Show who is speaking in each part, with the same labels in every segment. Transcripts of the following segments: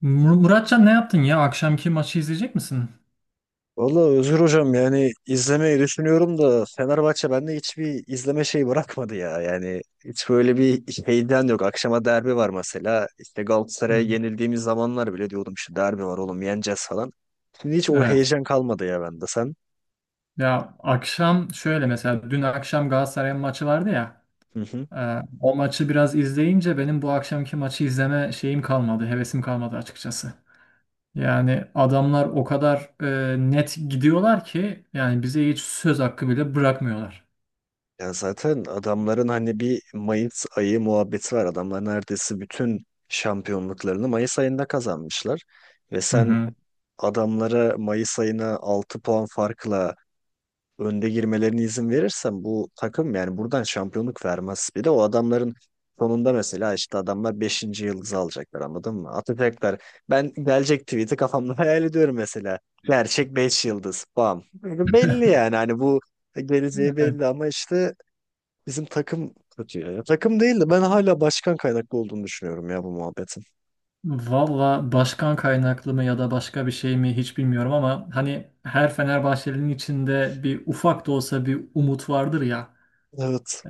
Speaker 1: Muratcan ne yaptın ya? Akşamki maçı izleyecek misin?
Speaker 2: Valla Özgür Hocam yani izlemeyi düşünüyorum da Fenerbahçe bende hiçbir izleme şeyi bırakmadı ya. Yani hiç böyle bir şeyden yok. Akşama derbi var mesela. İşte Galatasaray'a
Speaker 1: Hı.
Speaker 2: yenildiğimiz zamanlar bile diyordum işte derbi var oğlum yeneceğiz falan. Şimdi hiç o
Speaker 1: Evet.
Speaker 2: heyecan kalmadı ya bende sen.
Speaker 1: Ya akşam şöyle mesela dün akşam Galatasaray'ın maçı vardı ya.
Speaker 2: Hı hı.
Speaker 1: O maçı biraz izleyince benim bu akşamki maçı izleme şeyim kalmadı, hevesim kalmadı açıkçası. Yani adamlar o kadar net gidiyorlar ki yani bize hiç söz hakkı bile bırakmıyorlar.
Speaker 2: Ya zaten adamların hani bir Mayıs ayı muhabbeti var. Adamlar neredeyse bütün şampiyonluklarını Mayıs ayında kazanmışlar. Ve
Speaker 1: Hı
Speaker 2: sen
Speaker 1: hı.
Speaker 2: adamlara Mayıs ayına 6 puan farkla önde girmelerine izin verirsen bu takım yani buradan şampiyonluk vermez. Bir de o adamların sonunda mesela işte adamlar beşinci yıldızı alacaklar anladın mı? Atacaklar. Ben gelecek tweet'i kafamda hayal ediyorum mesela. Gerçek 5 yıldız. Bam. Belli yani hani bu geleceği
Speaker 1: Evet.
Speaker 2: belli ama işte bizim takım kötü ya. Ya takım değil de ben hala başkan kaynaklı olduğunu düşünüyorum ya bu muhabbetin.
Speaker 1: Valla başkan kaynaklı mı ya da başka bir şey mi hiç bilmiyorum ama hani her Fenerbahçeli'nin içinde bir ufak da olsa bir umut vardır ya.
Speaker 2: Evet.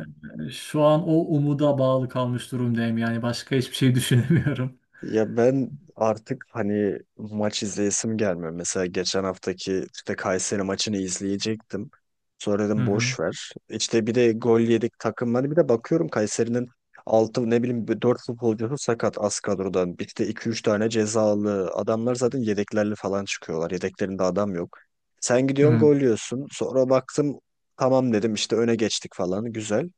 Speaker 1: Şu an o umuda bağlı kalmış durumdayım yani başka hiçbir şey düşünemiyorum.
Speaker 2: Ya ben artık hani maç izleyesim gelmiyor. Mesela geçen haftaki işte Kayseri maçını izleyecektim. Sonra
Speaker 1: Hı
Speaker 2: dedim
Speaker 1: hı.
Speaker 2: boş ver. İşte bir de gol yedik takımları bir de bakıyorum Kayseri'nin 6 ne bileyim 4 futbolcusu sakat az kadrodan. Bir de iki üç tane cezalı. Adamlar zaten yedeklerle falan çıkıyorlar. Yedeklerinde adam yok. Sen gidiyorsun
Speaker 1: Hı.
Speaker 2: gol yiyorsun. Sonra baktım tamam dedim işte öne geçtik falan güzel.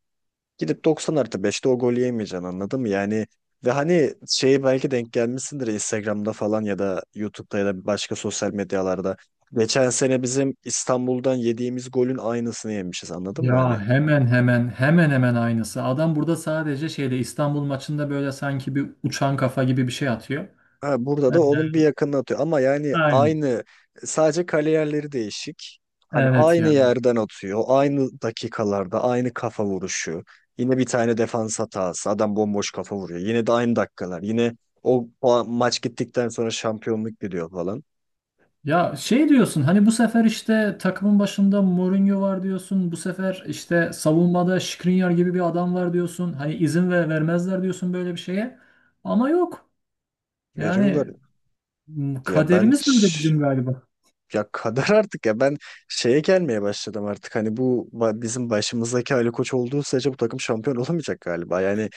Speaker 2: Gidip 90 artı 5'te o golü yemeyeceksin anladın mı? Yani ve hani şeyi belki denk gelmişsindir Instagram'da falan ya da YouTube'da ya da başka sosyal medyalarda. Geçen sene bizim İstanbul'dan yediğimiz golün aynısını yemişiz anladın mı? Hani.
Speaker 1: Ya hemen hemen aynısı. Adam burada sadece şeyde İstanbul maçında böyle sanki bir uçan kafa gibi bir şey atıyor.
Speaker 2: Ha, burada da
Speaker 1: Evet.
Speaker 2: onun bir yakınına atıyor. Ama yani
Speaker 1: Aynen.
Speaker 2: aynı sadece kale yerleri değişik. Hani
Speaker 1: Evet
Speaker 2: aynı
Speaker 1: ya.
Speaker 2: yerden atıyor. Aynı dakikalarda aynı kafa vuruşu. Yine bir tane defans hatası. Adam bomboş kafa vuruyor. Yine de aynı dakikalar. Yine o maç gittikten sonra şampiyonluk gidiyor falan.
Speaker 1: Ya şey diyorsun hani bu sefer işte takımın başında Mourinho var diyorsun. Bu sefer işte savunmada Skriniar gibi bir adam var diyorsun. Hani izin vermezler diyorsun böyle bir şeye. Ama yok. Yani
Speaker 2: Veriyorlar. Ya ben
Speaker 1: kaderimiz böyle
Speaker 2: ş-
Speaker 1: bizim galiba.
Speaker 2: Ya kadar artık ya ben şeye gelmeye başladım artık hani bu bizim başımızdaki Ali Koç olduğu sürece bu takım şampiyon olamayacak galiba. Yani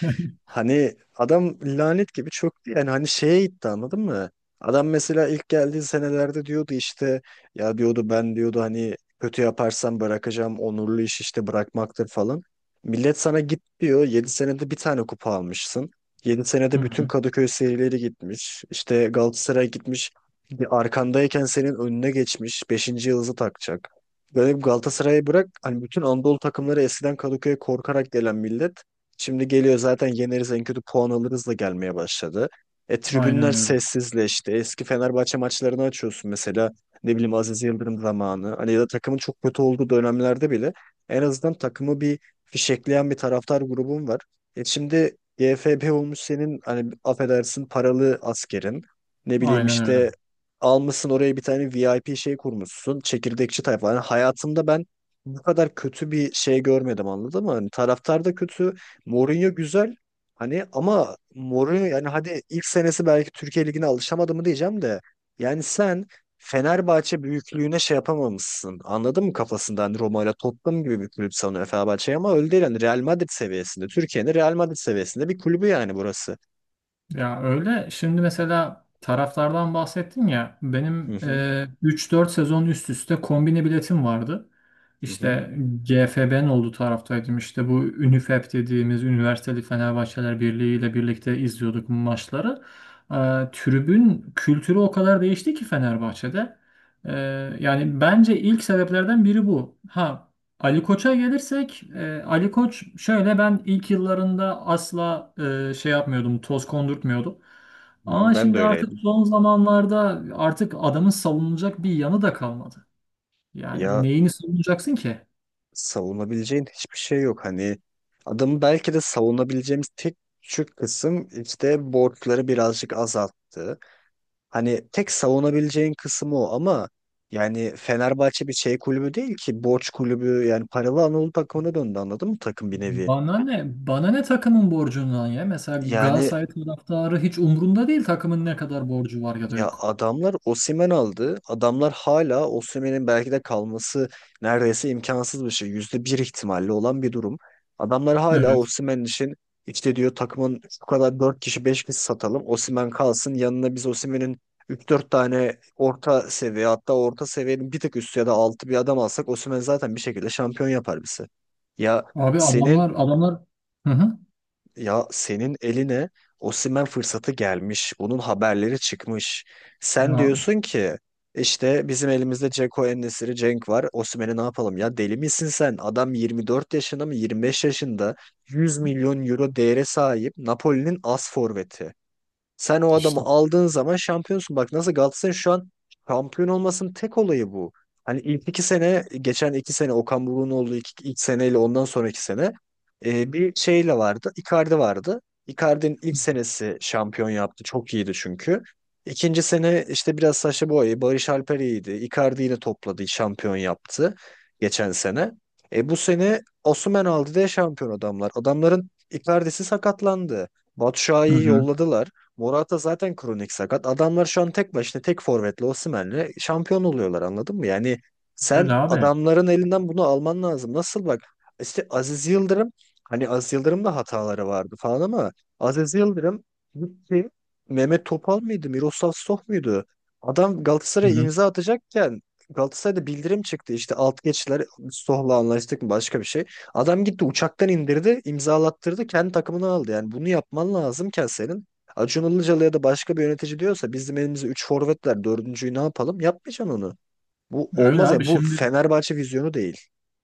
Speaker 2: hani adam lanet gibi çöktü yani hani şeye gitti anladın mı? Adam mesela ilk geldiği senelerde diyordu işte ya diyordu ben diyordu hani kötü yaparsam bırakacağım onurlu iş işte bırakmaktır falan. Millet sana git diyor 7 senede bir tane kupa almışsın. yedi
Speaker 1: Hı
Speaker 2: senede bütün
Speaker 1: hı.
Speaker 2: Kadıköy serileri gitmiş. İşte Galatasaray gitmiş. Bir arkandayken senin önüne geçmiş beşinci yıldızı takacak. Böyle bir Galatasaray'ı bırak. Hani bütün Anadolu takımları eskiden Kadıköy'e korkarak gelen millet. Şimdi geliyor zaten yeneriz en kötü puan alırız da gelmeye başladı. E tribünler
Speaker 1: Aynen öyle.
Speaker 2: sessizleşti. Eski Fenerbahçe maçlarını açıyorsun mesela. Ne bileyim Aziz Yıldırım zamanı. Hani ya da takımın çok kötü olduğu dönemlerde bile en azından takımı bir fişekleyen bir taraftar grubun var. E şimdi GFB olmuş senin hani affedersin paralı askerin. Ne bileyim
Speaker 1: Aynen öyle.
Speaker 2: işte almışsın oraya bir tane VIP şey kurmuşsun. Çekirdekçi tayfa. Yani hayatımda ben bu kadar kötü bir şey görmedim anladın mı? Hani taraftar da kötü. Mourinho güzel. Hani ama Mourinho yani hadi ilk senesi belki Türkiye Ligi'ne alışamadı mı diyeceğim de. Yani sen Fenerbahçe büyüklüğüne şey yapamamışsın. Anladın mı kafasında? Hani Roma ile Tottenham gibi bir kulüp sanıyor Fenerbahçe'yi ama öyle değil. Yani Real Madrid seviyesinde. Türkiye'nin Real Madrid seviyesinde bir kulübü yani burası.
Speaker 1: Ya öyle. Şimdi mesela taraflardan bahsettin ya.
Speaker 2: Hı
Speaker 1: Benim
Speaker 2: hı,
Speaker 1: 3-4 sezon üst üste kombine biletim vardı.
Speaker 2: hı hı,
Speaker 1: İşte GFB'nin olduğu taraftaydım. İşte bu Ünifep dediğimiz Üniversiteli Fenerbahçeler Birliği ile birlikte izliyorduk bu maçları. E, Tribün kültürü o kadar değişti ki Fenerbahçe'de. E, Yani bence ilk sebeplerden biri bu. Ha, Ali Koç'a gelirsek, Ali Koç şöyle, ben ilk yıllarında asla şey yapmıyordum, toz kondurtmuyordum.
Speaker 2: hı.
Speaker 1: Ama
Speaker 2: Ben de
Speaker 1: şimdi artık
Speaker 2: öyleydim.
Speaker 1: son zamanlarda artık adamın savunulacak bir yanı da kalmadı. Yani
Speaker 2: Ya
Speaker 1: neyini savunacaksın ki?
Speaker 2: savunabileceğin hiçbir şey yok. Hani adamı belki de savunabileceğimiz tek küçük kısım işte borçları birazcık azalttı. Hani tek savunabileceğin kısmı o ama yani Fenerbahçe bir şey kulübü değil ki borç kulübü yani paralı Anadolu takımına döndü anladın mı takım bir nevi.
Speaker 1: Bana ne? Bana ne takımın borcundan ya? Mesela
Speaker 2: Yani.
Speaker 1: Galatasaray taraftarı hiç umrunda değil takımın ne kadar borcu var ya da
Speaker 2: Ya
Speaker 1: yok.
Speaker 2: adamlar Osimhen aldı. Adamlar hala Osimhen'in belki de kalması neredeyse imkansız bir şey. %1 ihtimalle olan bir durum. Adamlar hala
Speaker 1: Evet.
Speaker 2: Osimhen için işte diyor takımın şu kadar 4 kişi 5 kişi satalım. Osimhen kalsın. Yanına biz Osimhen'in üç dört tane orta seviye hatta orta seviyenin bir tık üstü ya da altı bir adam alsak Osimhen zaten bir şekilde şampiyon yapar bizi. Ya
Speaker 1: Abi adamlar,
Speaker 2: senin
Speaker 1: adamlar. Hı hı.
Speaker 2: ya senin eline Osimhen fırsatı gelmiş. Bunun haberleri çıkmış. Sen
Speaker 1: Ya
Speaker 2: diyorsun ki işte bizim elimizde Dzeko en Cenk var. Osimhen'i ne yapalım ya? Deli misin sen? Adam 24 yaşında mı 25 yaşında 100 milyon euro değere sahip Napoli'nin as forveti. Sen o adamı
Speaker 1: işte.
Speaker 2: aldığın zaman şampiyonsun. Bak nasıl Galatasaray şu an şampiyon olmasının tek olayı bu. Hani ilk iki sene, geçen iki sene Okan Buruk'un olduğu ilk seneyle ondan sonraki sene bir şeyle vardı. Icardi vardı. Icardi'nin ilk senesi şampiyon yaptı. Çok iyiydi çünkü. İkinci sene işte biraz Sacha Boey, Barış Alper iyiydi. Icardi yine topladı, şampiyon yaptı geçen sene. E, bu sene Osimhen aldı diye şampiyon adamlar. Adamların Icardi'si sakatlandı.
Speaker 1: Hı
Speaker 2: Batshuayi'yi
Speaker 1: hı.
Speaker 2: yolladılar. Morata zaten kronik sakat. Adamlar şu an tek başına tek forvetle Osimhen'le şampiyon oluyorlar anladın mı? Yani sen
Speaker 1: Öyle abi.
Speaker 2: adamların elinden bunu alman lazım. Nasıl bak işte Aziz Yıldırım hani Aziz Yıldırım da hataları vardı falan ama Aziz Yıldırım gitti. Mehmet Topal mıydı? Miroslav Stoch muydu? Adam
Speaker 1: Hı
Speaker 2: Galatasaray'a
Speaker 1: hı.
Speaker 2: imza atacakken Galatasaray'da bildirim çıktı işte alt geçtiler Stoh'la anlaştık mı başka bir şey. Adam gitti uçaktan indirdi imzalattırdı kendi takımını aldı yani bunu yapman lazımken senin Acun Ilıcalı ya da başka bir yönetici diyorsa bizim elimizde 3 forvet var. Dördüncüyü ne yapalım? Yapmayacaksın onu. Bu
Speaker 1: Öyle
Speaker 2: olmaz ya.
Speaker 1: abi.
Speaker 2: Bu
Speaker 1: Şimdi
Speaker 2: Fenerbahçe vizyonu değil.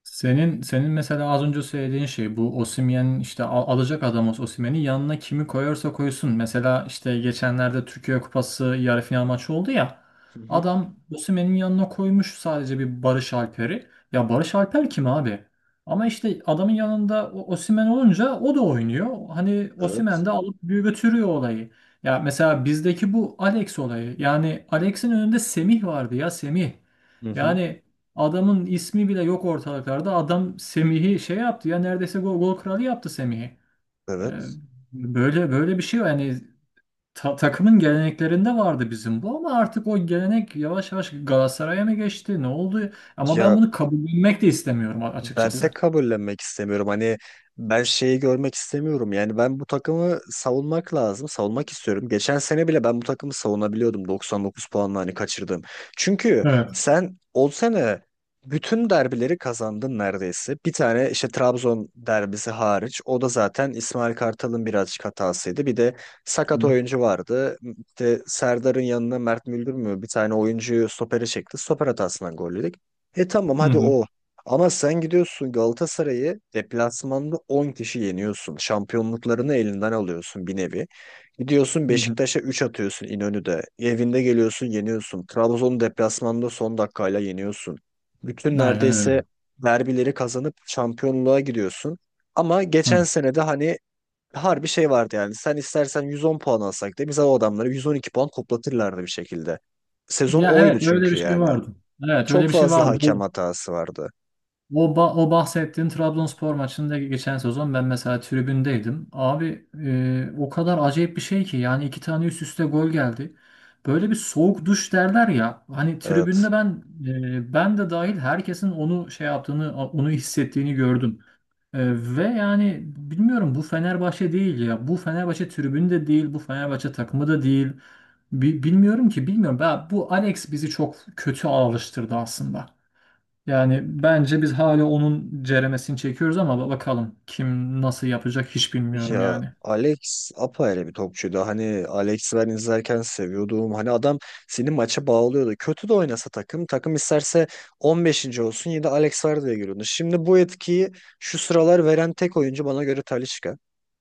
Speaker 1: senin mesela az önce söylediğin şey bu Osimhen, işte alacak adam olsa Osimhen'i yanına kimi koyarsa koysun. Mesela işte geçenlerde Türkiye Kupası yarı final maçı oldu ya.
Speaker 2: Hı hı.
Speaker 1: Adam Osimhen'in yanına koymuş sadece bir Barış Alper'i. Ya Barış Alper kim abi? Ama işte adamın yanında Osimhen olunca o da oynuyor. Hani
Speaker 2: Evet.
Speaker 1: Osimhen de alıp bir götürüyor olayı. Ya mesela bizdeki bu Alex olayı. Yani Alex'in önünde Semih vardı ya, Semih.
Speaker 2: Hı hı.
Speaker 1: Yani adamın ismi bile yok ortalıklarda. Adam Semih'i şey yaptı ya, neredeyse gol kralı yaptı Semih'i. Ee,
Speaker 2: Evet.
Speaker 1: Böyle böyle bir şey var. Yani takımın geleneklerinde vardı bizim bu ama artık o gelenek yavaş yavaş Galatasaray'a mı geçti? Ne oldu? Ama ben
Speaker 2: Ya
Speaker 1: bunu kabullenmek de istemiyorum
Speaker 2: ben
Speaker 1: açıkçası.
Speaker 2: de kabullenmek istemiyorum. Hani ben şeyi görmek istemiyorum. Yani ben bu takımı savunmak lazım. Savunmak istiyorum. Geçen sene bile ben bu takımı savunabiliyordum 99 puanla hani kaçırdım. Çünkü
Speaker 1: Evet.
Speaker 2: sen o sene bütün derbileri kazandın neredeyse. Bir tane işte Trabzon derbisi hariç. O da zaten İsmail Kartal'ın birazcık hatasıydı. Bir de sakat
Speaker 1: Hı
Speaker 2: oyuncu vardı. İşte Serdar'ın yanına Mert Müldür mü bir tane oyuncuyu stopere çekti. Stoper hatasından gol yedik. E tamam hadi
Speaker 1: hı.
Speaker 2: o. Ama sen gidiyorsun Galatasaray'ı deplasmanda 10 kişi yeniyorsun. Şampiyonluklarını elinden alıyorsun bir nevi. Gidiyorsun
Speaker 1: Hı hı.
Speaker 2: Beşiktaş'a 3 atıyorsun İnönü'de. Evinde geliyorsun yeniyorsun. Trabzon'u deplasmanda son dakikayla yeniyorsun. Bütün
Speaker 1: Aynen öyle.
Speaker 2: neredeyse derbileri kazanıp şampiyonluğa gidiyorsun. Ama
Speaker 1: Hı.
Speaker 2: geçen sene de hani harbi şey vardı yani. Sen istersen 110 puan alsak da bize o adamları 112 puan toplatırlardı bir şekilde. Sezon
Speaker 1: Ya
Speaker 2: oydu
Speaker 1: evet, öyle bir
Speaker 2: çünkü
Speaker 1: şey
Speaker 2: yani.
Speaker 1: vardı. Evet, öyle
Speaker 2: Çok
Speaker 1: bir şey
Speaker 2: fazla
Speaker 1: vardı.
Speaker 2: hakem hatası vardı.
Speaker 1: O bahsettiğin Trabzonspor maçında geçen sezon ben mesela tribündeydim. Abi, o kadar acayip bir şey ki yani iki tane üst üste gol geldi. Böyle bir soğuk duş derler ya. Hani tribünde,
Speaker 2: Evet.
Speaker 1: ben de dahil herkesin onu şey yaptığını, onu hissettiğini gördüm. E, Ve yani bilmiyorum, bu Fenerbahçe değil ya. Bu Fenerbahçe tribünü de değil, bu Fenerbahçe takımı da değil. Bilmiyorum ki, bilmiyorum. Bu Alex bizi çok kötü alıştırdı aslında. Yani bence biz hala onun ceremesini çekiyoruz ama bakalım kim nasıl yapacak, hiç bilmiyorum
Speaker 2: Ya
Speaker 1: yani.
Speaker 2: Alex apayrı bir topçuydu. Hani Alex'i ben izlerken seviyordum. Hani adam seni maça bağlıyordu. Kötü de oynasa takım. Takım isterse 15'inci olsun yine de Alex var diye görüyordu. Şimdi bu etkiyi şu sıralar veren tek oyuncu bana göre Talisca.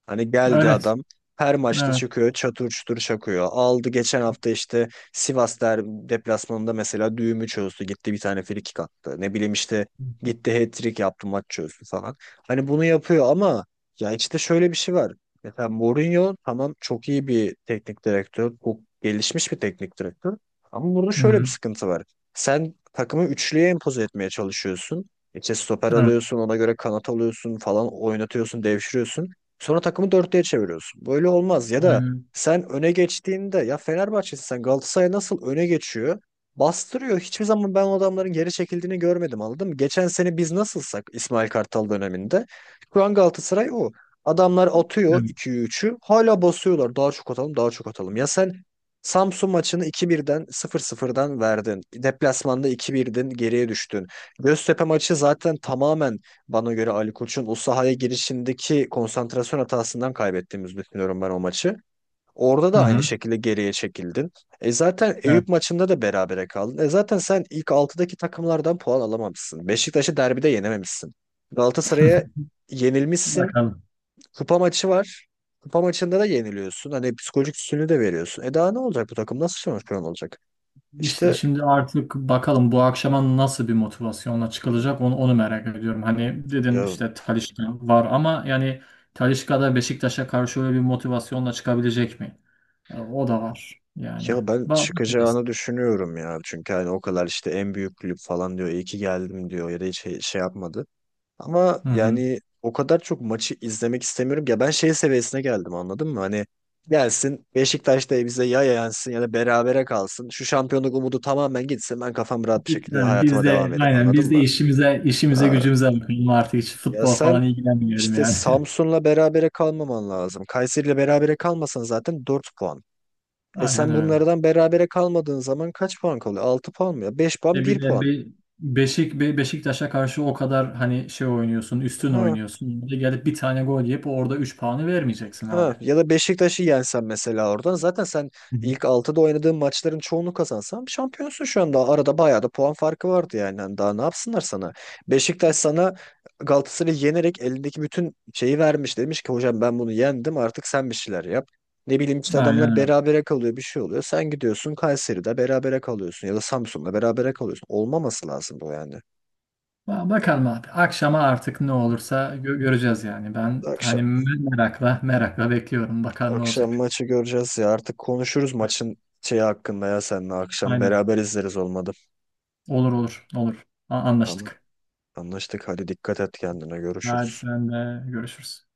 Speaker 2: Hani geldi
Speaker 1: Evet.
Speaker 2: adam her maçta
Speaker 1: Evet.
Speaker 2: çıkıyor çatır çutur çakıyor. Aldı geçen hafta işte Sivas deplasmanında mesela düğümü çözdü. Gitti bir tane frikik attı. Ne bileyim işte gitti hat-trick yaptı maç çözdü falan. Hani bunu yapıyor ama ya işte şöyle bir şey var. Mesela Mourinho tamam çok iyi bir teknik direktör. Çok gelişmiş bir teknik direktör. Ama burada
Speaker 1: Hı
Speaker 2: şöyle bir
Speaker 1: hı.
Speaker 2: sıkıntı var. Sen takımı üçlüye empoze etmeye çalışıyorsun. İşte stoper
Speaker 1: Evet.
Speaker 2: alıyorsun, ona göre kanat alıyorsun falan oynatıyorsun, devşiriyorsun. Sonra takımı dörtlüye çeviriyorsun. Böyle olmaz. Ya da
Speaker 1: Aynen.
Speaker 2: sen öne geçtiğinde ya Fenerbahçe'sin sen Galatasaray nasıl öne geçiyor? Bastırıyor. Hiçbir zaman ben o adamların geri çekildiğini görmedim anladın mı? Geçen sene biz nasılsak İsmail Kartal döneminde şu an Galatasaray o. Adamlar atıyor
Speaker 1: Evet.
Speaker 2: 2'yi üçü, hala basıyorlar. Daha çok atalım, daha çok atalım. Ya sen Samsun maçını 2-1'i 0-0'dan verdin. Deplasmanda 2-1'den geriye düştün. Göztepe maçı zaten tamamen bana göre Ali Koç'un o sahaya girişindeki konsantrasyon hatasından kaybettiğimizi düşünüyorum ben o maçı. Orada
Speaker 1: Hı
Speaker 2: da aynı
Speaker 1: hı.
Speaker 2: şekilde geriye çekildin. E zaten
Speaker 1: Evet.
Speaker 2: Eyüp maçında da berabere kaldın. E zaten sen ilk altıdaki takımlardan puan alamamışsın. Beşiktaş'ı derbide yenememişsin. Galatasaray'a yenilmişsin.
Speaker 1: Bakalım.
Speaker 2: Kupa maçı var. Kupa maçında da yeniliyorsun. Hani psikolojik üstünlüğü de veriyorsun. E daha ne olacak bu takım? Nasıl şampiyon olacak?
Speaker 1: İşte
Speaker 2: İşte
Speaker 1: şimdi artık bakalım, bu akşama nasıl bir motivasyonla çıkılacak, onu merak ediyorum. Hani dedin
Speaker 2: ya
Speaker 1: işte Talisca var ama yani Talisca da Beşiktaş'a karşı öyle bir motivasyonla çıkabilecek mi? O da var yani.
Speaker 2: ya ben
Speaker 1: Bakacağız.
Speaker 2: çıkacağını düşünüyorum ya. Çünkü hani o kadar işte en büyük kulüp falan diyor. İyi ki geldim diyor. Ya da hiç şey yapmadı. Ama
Speaker 1: Hı hı.
Speaker 2: yani o kadar çok maçı izlemek istemiyorum ki. Ya ben şey seviyesine geldim anladın mı? Hani gelsin Beşiktaş da bize ya yansın ya da berabere kalsın. Şu şampiyonluk umudu tamamen gitsin. Ben kafam rahat bir şekilde
Speaker 1: Yani
Speaker 2: hayatıma
Speaker 1: biz
Speaker 2: devam
Speaker 1: de
Speaker 2: edeyim
Speaker 1: aynen
Speaker 2: anladın
Speaker 1: biz de
Speaker 2: mı?
Speaker 1: işimize
Speaker 2: Ha,
Speaker 1: gücümüze bakalım artık, hiç
Speaker 2: ya
Speaker 1: futbol
Speaker 2: sen
Speaker 1: falan ilgilenmiyorum
Speaker 2: işte
Speaker 1: yani.
Speaker 2: Samsun'la berabere kalmaman lazım. Kayseri'yle berabere kalmasan zaten 4 puan. E
Speaker 1: Aynen
Speaker 2: sen
Speaker 1: öyle.
Speaker 2: bunlardan berabere kalmadığın zaman kaç puan kalıyor? Altı puan mı ya? Beş puan bir
Speaker 1: Bir de
Speaker 2: puan.
Speaker 1: bir Beşiktaş'a karşı o kadar hani şey oynuyorsun, üstün
Speaker 2: ha
Speaker 1: oynuyorsun. Bir de gelip bir tane gol yiyip orada 3 puanı vermeyeceksin abi.
Speaker 2: Ha, ya da Beşiktaş'ı yensen mesela oradan zaten sen
Speaker 1: Hı hı.
Speaker 2: ilk altıda oynadığın maçların çoğunu kazansan şampiyonsun şu anda. Arada bayağı da puan farkı vardı yani. Hani daha ne yapsınlar sana? Beşiktaş sana Galatasaray'ı yenerek elindeki bütün şeyi vermiş. Demiş ki hocam ben bunu yendim artık sen bir şeyler yap. Ne bileyim işte
Speaker 1: Aynen
Speaker 2: adamlar
Speaker 1: öyle.
Speaker 2: berabere kalıyor bir şey oluyor. Sen gidiyorsun Kayseri'de berabere kalıyorsun ya da Samsun'da berabere kalıyorsun. Olmaması lazım bu yani.
Speaker 1: Bakalım abi. Akşama artık ne olursa göreceğiz yani. Ben
Speaker 2: Akşam.
Speaker 1: hani merakla merakla bekliyorum. Bakalım ne
Speaker 2: Akşam
Speaker 1: olacak.
Speaker 2: maçı göreceğiz ya. Artık konuşuruz maçın şeyi hakkında ya seninle akşam.
Speaker 1: Aynen.
Speaker 2: Beraber izleriz olmadı.
Speaker 1: Olur olur olur.
Speaker 2: Tamam.
Speaker 1: Anlaştık.
Speaker 2: Anlaştık. Hadi dikkat et kendine.
Speaker 1: Hadi
Speaker 2: Görüşürüz.
Speaker 1: sen de, görüşürüz.